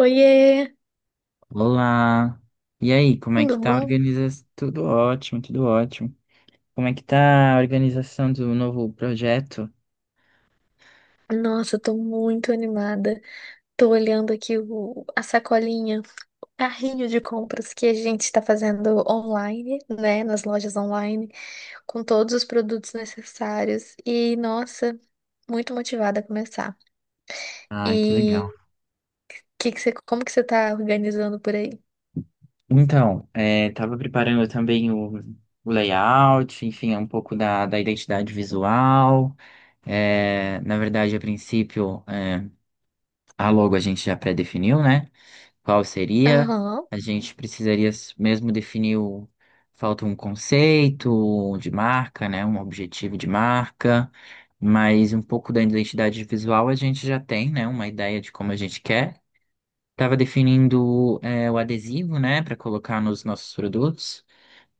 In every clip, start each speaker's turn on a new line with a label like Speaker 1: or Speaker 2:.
Speaker 1: Oiê,
Speaker 2: Olá! E aí, como é
Speaker 1: tudo
Speaker 2: que tá a
Speaker 1: bom?
Speaker 2: organização? Tudo ótimo, tudo ótimo. Como é que tá a organização do novo projeto?
Speaker 1: Nossa, eu tô muito animada. Tô olhando aqui a sacolinha, carrinho de compras que a gente tá fazendo online, né? Nas lojas online, com todos os produtos necessários. E, nossa, muito motivada a começar.
Speaker 2: Ah, que
Speaker 1: E
Speaker 2: legal.
Speaker 1: como que você tá organizando por aí?
Speaker 2: Então, é, tava preparando também o layout, enfim, um pouco da identidade visual. É, na verdade, a princípio, a logo a gente já pré-definiu, né? Qual seria?
Speaker 1: Aham.
Speaker 2: A gente precisaria mesmo definir o. Falta um conceito de marca, né? Um objetivo de marca, mas um pouco da identidade visual a gente já tem, né? Uma ideia de como a gente quer. Estava definindo o adesivo, né? Para colocar nos nossos produtos,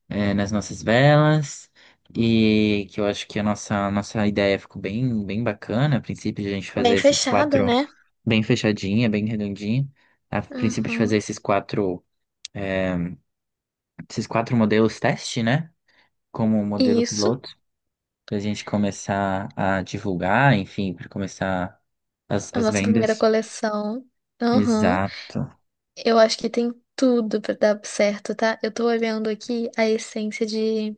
Speaker 2: nas nossas velas. E que eu acho que a nossa ideia ficou bem, bem bacana. A princípio, de a gente fazer
Speaker 1: Bem
Speaker 2: esses
Speaker 1: fechada,
Speaker 2: quatro
Speaker 1: né?
Speaker 2: bem fechadinha, bem redondinha. A princípio de fazer
Speaker 1: Aham.
Speaker 2: é, esses quatro modelos teste, né? Como modelo
Speaker 1: Isso,
Speaker 2: piloto, para a gente começar a divulgar, enfim, para começar as,
Speaker 1: a
Speaker 2: as
Speaker 1: nossa primeira
Speaker 2: vendas.
Speaker 1: coleção. Aham.
Speaker 2: Exato.
Speaker 1: Eu acho que tem tudo pra dar certo, tá? Eu tô olhando aqui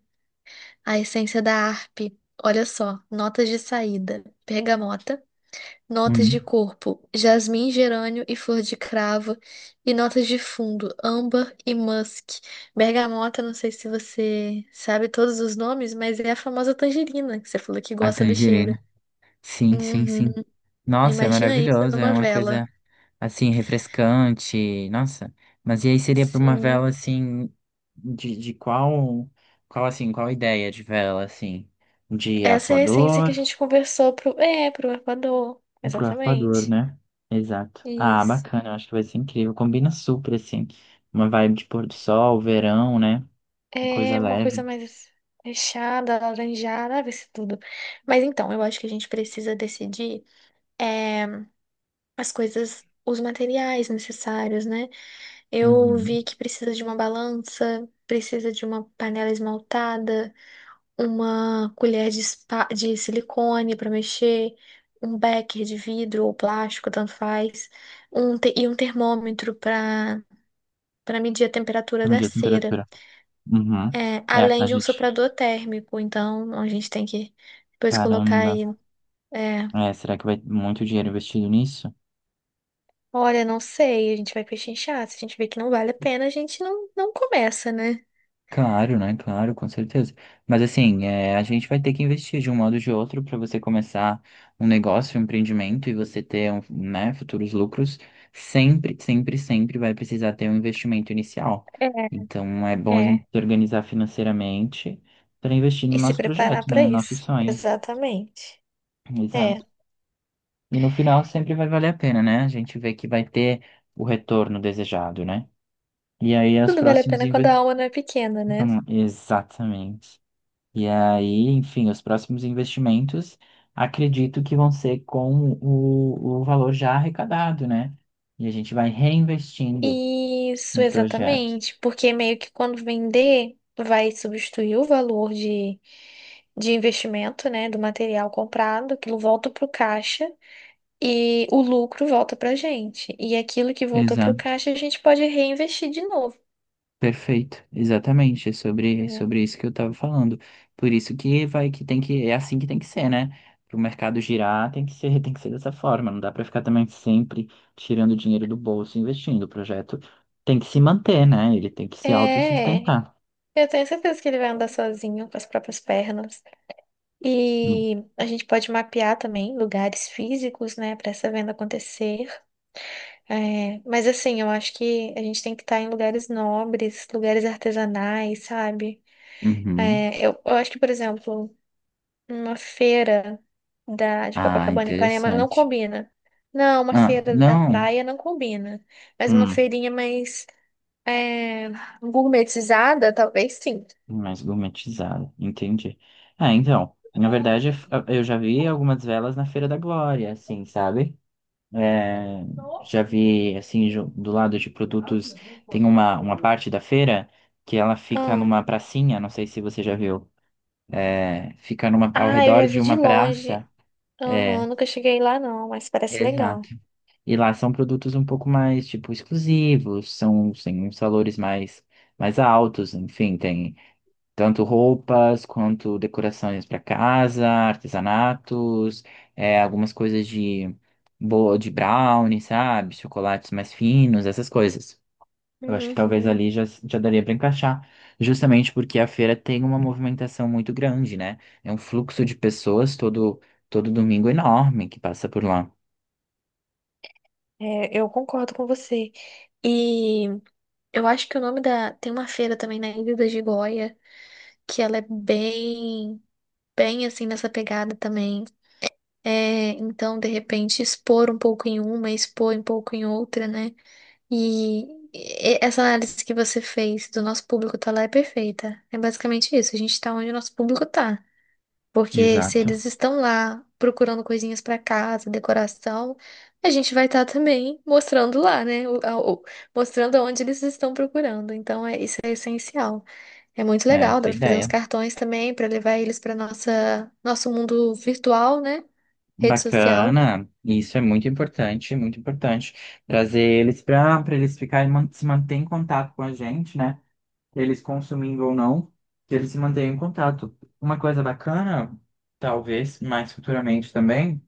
Speaker 1: a essência da harpe. Olha só, notas de saída, bergamota, notas de
Speaker 2: Uhum.
Speaker 1: corpo, jasmim, gerânio e flor de cravo, e notas de fundo, âmbar e musk. Bergamota, não sei se você sabe todos os nomes, mas é a famosa tangerina que você falou que
Speaker 2: A
Speaker 1: gosta do cheiro.
Speaker 2: tangerina. Sim, sim,
Speaker 1: Uhum.
Speaker 2: sim. Nossa, é
Speaker 1: Imagina isso
Speaker 2: maravilhoso, é
Speaker 1: numa
Speaker 2: uma
Speaker 1: vela.
Speaker 2: coisa assim, refrescante. Nossa, mas e aí seria para uma
Speaker 1: Sim.
Speaker 2: vela assim, de qual assim, qual ideia de vela assim? De
Speaker 1: Essa é a essência que a
Speaker 2: arpoador?
Speaker 1: gente conversou pro Equador.
Speaker 2: Pro Arpoador,
Speaker 1: Exatamente.
Speaker 2: né? Exato. Ah,
Speaker 1: Isso.
Speaker 2: bacana, eu acho que vai ser incrível. Combina super, assim. Uma vibe de pôr do sol, verão, né? Coisa
Speaker 1: É uma coisa
Speaker 2: leve.
Speaker 1: mais fechada, alaranjada, ah, vai ser tudo. Mas então, eu acho que a gente precisa decidir é, as coisas, os materiais necessários, né? Eu
Speaker 2: Uhum.
Speaker 1: vi que precisa de uma balança, precisa de uma panela esmaltada. Uma colher de silicone para mexer, um becker de vidro ou plástico, tanto faz, e um termômetro para medir a temperatura
Speaker 2: Pra
Speaker 1: da
Speaker 2: medir a
Speaker 1: cera.
Speaker 2: temperatura. Uhum.
Speaker 1: É,
Speaker 2: É,
Speaker 1: além
Speaker 2: a
Speaker 1: de um
Speaker 2: gente.
Speaker 1: soprador térmico. Então, a gente tem que depois colocar
Speaker 2: Caramba.
Speaker 1: aí. é,
Speaker 2: É, será que vai muito dinheiro investido nisso?
Speaker 1: Olha, não sei, a gente vai pechinchar. Se a gente vê que não vale a pena, a gente não, não começa, né?
Speaker 2: Claro, né? Claro, com certeza. Mas assim, é, a gente vai ter que investir de um modo ou de outro para você começar um negócio, um empreendimento e você ter, né, futuros lucros. Sempre, sempre, sempre vai precisar ter um investimento inicial. Então é
Speaker 1: É,
Speaker 2: bom a gente
Speaker 1: é.
Speaker 2: se organizar financeiramente para investir
Speaker 1: E
Speaker 2: no
Speaker 1: se
Speaker 2: nosso
Speaker 1: preparar
Speaker 2: projeto, né,
Speaker 1: para
Speaker 2: no nosso
Speaker 1: isso.
Speaker 2: sonho.
Speaker 1: Exatamente. É.
Speaker 2: Exato. E no final sempre vai valer a pena, né? A gente vê que vai ter o retorno desejado, né? E aí os
Speaker 1: Tudo vale a
Speaker 2: próximos
Speaker 1: pena quando a
Speaker 2: investimentos.
Speaker 1: alma não é pequena, né?
Speaker 2: Exatamente. E aí, enfim, os próximos investimentos acredito que vão ser com o valor já arrecadado, né? E a gente vai reinvestindo
Speaker 1: Isso,
Speaker 2: no projeto.
Speaker 1: exatamente, porque meio que quando vender, vai substituir o valor de investimento, né, do material comprado, aquilo volta para o caixa e o lucro volta para a gente. E aquilo que voltou para o
Speaker 2: Exato.
Speaker 1: caixa, a gente pode reinvestir de novo,
Speaker 2: Perfeito, exatamente, é sobre, é
Speaker 1: né?
Speaker 2: sobre isso que eu estava falando. Por isso que vai que tem que é assim que tem que ser, né? Para o mercado girar, tem que ser, tem que ser dessa forma. Não dá para ficar também sempre tirando dinheiro do bolso e investindo. O projeto tem que se manter, né? Ele tem que se
Speaker 1: É,
Speaker 2: autossustentar.
Speaker 1: eu tenho certeza que ele vai andar sozinho com as próprias pernas. E a gente pode mapear também lugares físicos, né, para essa venda acontecer. É, mas assim, eu acho que a gente tem que estar em lugares nobres, lugares artesanais, sabe?
Speaker 2: Uhum.
Speaker 1: É, eu acho que, por exemplo, uma feira de
Speaker 2: Ah,
Speaker 1: Copacabana e Ipanema não
Speaker 2: interessante.
Speaker 1: combina. Não, uma
Speaker 2: Ah,
Speaker 1: feira da
Speaker 2: não.
Speaker 1: praia não combina. Mas uma
Speaker 2: Hum,
Speaker 1: feirinha mais é, gourmetizada, talvez sim.
Speaker 2: Mais gourmetizado. Entendi. Ah, então, na verdade, eu já vi algumas velas na Feira da Glória, assim, sabe? É, já vi, assim, do lado de produtos, tem uma parte da feira que ela fica
Speaker 1: Ah,
Speaker 2: numa pracinha, não sei se você já viu. É, fica ao
Speaker 1: ah, eu
Speaker 2: redor
Speaker 1: já
Speaker 2: de
Speaker 1: vi de
Speaker 2: uma
Speaker 1: longe.
Speaker 2: praça.
Speaker 1: Aham,
Speaker 2: É,
Speaker 1: nunca cheguei lá não, mas parece legal.
Speaker 2: exato. E lá são produtos um pouco mais, tipo, exclusivos, tem uns valores mais altos, enfim, tem tanto roupas quanto decorações para casa, artesanatos, é, algumas coisas de brownie, sabe? Chocolates mais finos, essas coisas. Eu acho que talvez
Speaker 1: Uhum.
Speaker 2: ali já daria para encaixar, justamente porque a feira tem uma movimentação muito grande, né? É um fluxo de pessoas todo domingo enorme que passa por lá.
Speaker 1: É, eu concordo com você. E eu acho que o nome da. Tem uma feira também na Ilha da Gigoia, que ela é bem, bem assim nessa pegada também. É, então, de repente, expor um pouco em uma, expor um pouco em outra, né? E essa análise que você fez do nosso público tá lá é perfeita. É basicamente isso, a gente tá onde o nosso público tá. Porque se
Speaker 2: Exato.
Speaker 1: eles estão lá procurando coisinhas para casa, decoração, a gente vai estar também mostrando lá, né? Mostrando onde eles estão procurando. Então, isso é essencial. É muito
Speaker 2: É,
Speaker 1: legal, dá
Speaker 2: essa é a
Speaker 1: para fazer uns
Speaker 2: ideia.
Speaker 1: cartões também para levar eles para nossa nosso mundo virtual, né? Rede social.
Speaker 2: Bacana, isso é muito importante, muito importante. Trazer eles para eles ficarem se manter em contato com a gente, né? Eles consumindo ou não, que eles se mantenham em contato. Uma coisa bacana, talvez mais futuramente também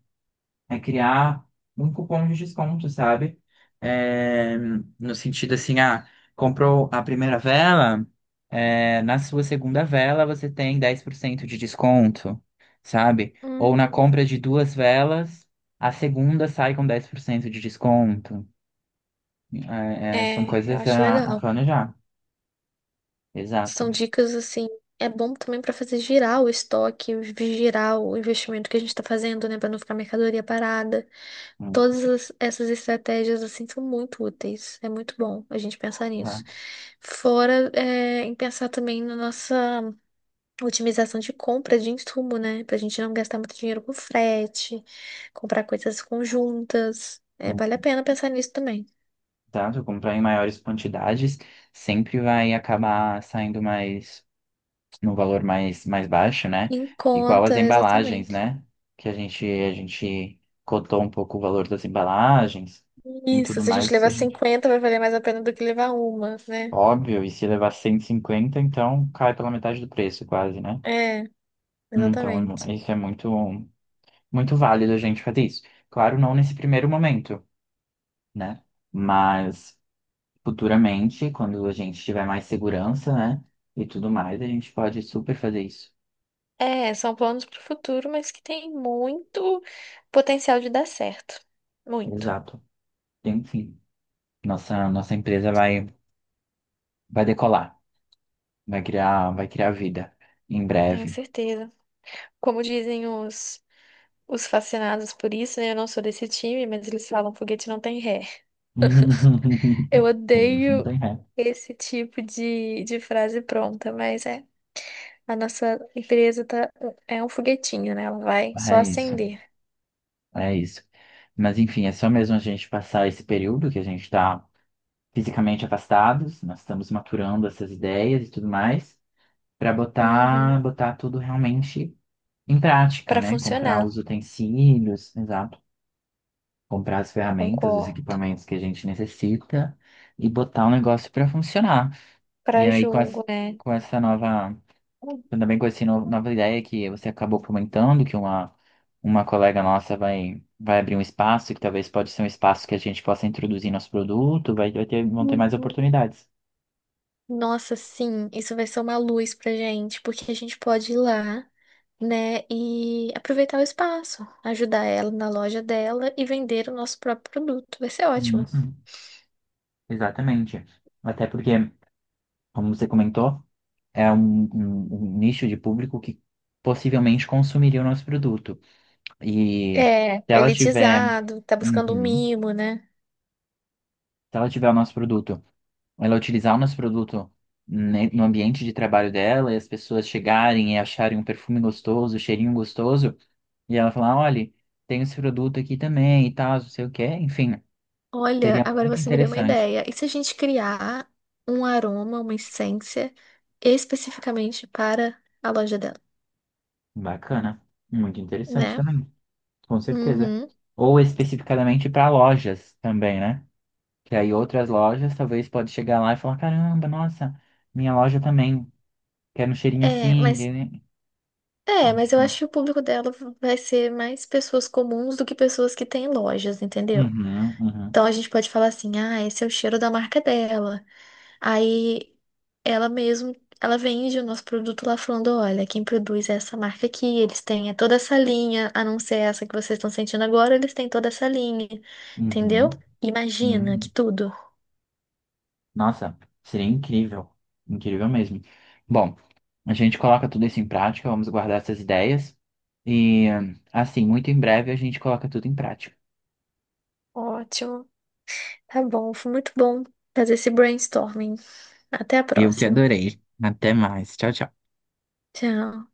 Speaker 2: é criar um cupom de desconto, sabe? É, no sentido assim, ah, comprou a primeira vela, na sua segunda vela você tem 10% de desconto, sabe? Ou na
Speaker 1: Uhum.
Speaker 2: compra de duas velas, a segunda sai com 10% de desconto. É, são
Speaker 1: É, eu
Speaker 2: coisas
Speaker 1: acho
Speaker 2: a
Speaker 1: legal.
Speaker 2: planejar. Exato.
Speaker 1: São dicas assim. É bom também para fazer girar o estoque, girar o investimento que a gente está fazendo, né? Para não ficar mercadoria parada.
Speaker 2: Hum,
Speaker 1: Todas essas estratégias assim são muito úteis. É muito bom a gente pensar nisso.
Speaker 2: Exato.
Speaker 1: Fora em pensar também na nossa otimização de compra de insumo, né? Pra gente não gastar muito dinheiro com frete, comprar coisas conjuntas. É,
Speaker 2: Hum,
Speaker 1: vale a pena pensar nisso também.
Speaker 2: Exato. Comprar em maiores quantidades sempre vai acabar saindo mais num valor mais baixo, né?
Speaker 1: Em
Speaker 2: Igual as
Speaker 1: conta,
Speaker 2: embalagens,
Speaker 1: exatamente.
Speaker 2: né? Que a gente cotou um pouco o valor das embalagens e
Speaker 1: Isso,
Speaker 2: tudo
Speaker 1: se a gente
Speaker 2: mais.
Speaker 1: levar 50 vai valer mais a pena do que levar uma, né?
Speaker 2: Óbvio, e se levar 150, então cai pela metade do preço, quase, né?
Speaker 1: É,
Speaker 2: Então,
Speaker 1: exatamente.
Speaker 2: isso é muito, muito válido a gente fazer isso. Claro, não nesse primeiro momento, né? Mas futuramente, quando a gente tiver mais segurança, né? E tudo mais, a gente pode super fazer isso.
Speaker 1: É, são planos para o futuro, mas que tem muito potencial de dar certo. Muito,
Speaker 2: Exato. Enfim, nossa, nossa empresa vai decolar, vai criar vida em
Speaker 1: tenho
Speaker 2: breve.
Speaker 1: certeza. Como dizem os fascinados por isso, né? Eu não sou desse time, mas eles falam foguete não tem ré. Eu
Speaker 2: Não
Speaker 1: odeio
Speaker 2: tem ré.
Speaker 1: esse tipo de frase pronta, mas é. A nossa empresa tá, é um foguetinho, né? Ela vai só
Speaker 2: É isso,
Speaker 1: acender.
Speaker 2: é isso. Mas enfim, é só mesmo a gente passar esse período que a gente está fisicamente afastados, nós estamos maturando essas ideias e tudo mais, para
Speaker 1: Uhum.
Speaker 2: botar tudo realmente em prática,
Speaker 1: Para
Speaker 2: né? Comprar
Speaker 1: funcionar,
Speaker 2: os utensílios, exato, comprar as ferramentas, os
Speaker 1: concordo.
Speaker 2: equipamentos que a gente necessita e botar o negócio para funcionar. E
Speaker 1: Para
Speaker 2: aí com,
Speaker 1: julgo, né?
Speaker 2: com essa nova. Eu também conheci nova ideia que você acabou comentando, que uma, colega nossa vai abrir um espaço, que talvez pode ser um espaço que a gente possa introduzir nosso produto, vão ter mais oportunidades.
Speaker 1: Nossa, sim, isso vai ser uma luz pra gente, porque a gente pode ir lá, né, e aproveitar o espaço, ajudar ela na loja dela e vender o nosso próprio produto. Vai ser ótimo.
Speaker 2: Uhum, exatamente. Até porque, como você comentou, é um, um nicho de público que possivelmente consumiria o nosso produto. E
Speaker 1: É,
Speaker 2: se ela tiver.
Speaker 1: elitizado, tá buscando um
Speaker 2: Uhum.
Speaker 1: mimo, né?
Speaker 2: Se ela tiver o nosso produto, ela utilizar o nosso produto no ambiente de trabalho dela e as pessoas chegarem e acharem um perfume gostoso, um cheirinho gostoso, e ela falar, olha, tem esse produto aqui também e tal, não sei o quê, enfim,
Speaker 1: Olha,
Speaker 2: seria
Speaker 1: agora
Speaker 2: muito
Speaker 1: você me deu uma
Speaker 2: interessante.
Speaker 1: ideia. E se a gente criar um aroma, uma essência especificamente para a loja dela,
Speaker 2: Bacana, muito interessante
Speaker 1: né?
Speaker 2: também, com certeza.
Speaker 1: Uhum.
Speaker 2: Ou especificadamente para lojas também, né? Que aí outras lojas talvez pode chegar lá e falar, caramba, nossa, minha loja também quer um cheirinho
Speaker 1: É,
Speaker 2: assim,
Speaker 1: mas
Speaker 2: né?
Speaker 1: É, mas eu
Speaker 2: Enfim.
Speaker 1: acho que o público dela vai ser mais pessoas comuns do que pessoas que têm lojas, entendeu?
Speaker 2: Uhum, uhum.
Speaker 1: Então a gente pode falar assim, ah, esse é o cheiro da marca dela. Aí ela mesmo, ela vende o nosso produto lá falando, olha, quem produz é essa marca aqui, eles têm é toda essa linha, a não ser essa que vocês estão sentindo agora, eles têm toda essa linha, entendeu?
Speaker 2: Uhum,
Speaker 1: Imagina que
Speaker 2: uhum.
Speaker 1: tudo.
Speaker 2: Nossa, seria incrível. Incrível mesmo. Bom, a gente coloca tudo isso em prática, vamos guardar essas ideias. E, assim, muito em breve a gente coloca tudo em prática.
Speaker 1: Ótimo. Tá bom, foi muito bom fazer esse brainstorming. Até a
Speaker 2: Eu que
Speaker 1: próxima.
Speaker 2: adorei. Até mais. Tchau, tchau.
Speaker 1: Tchau.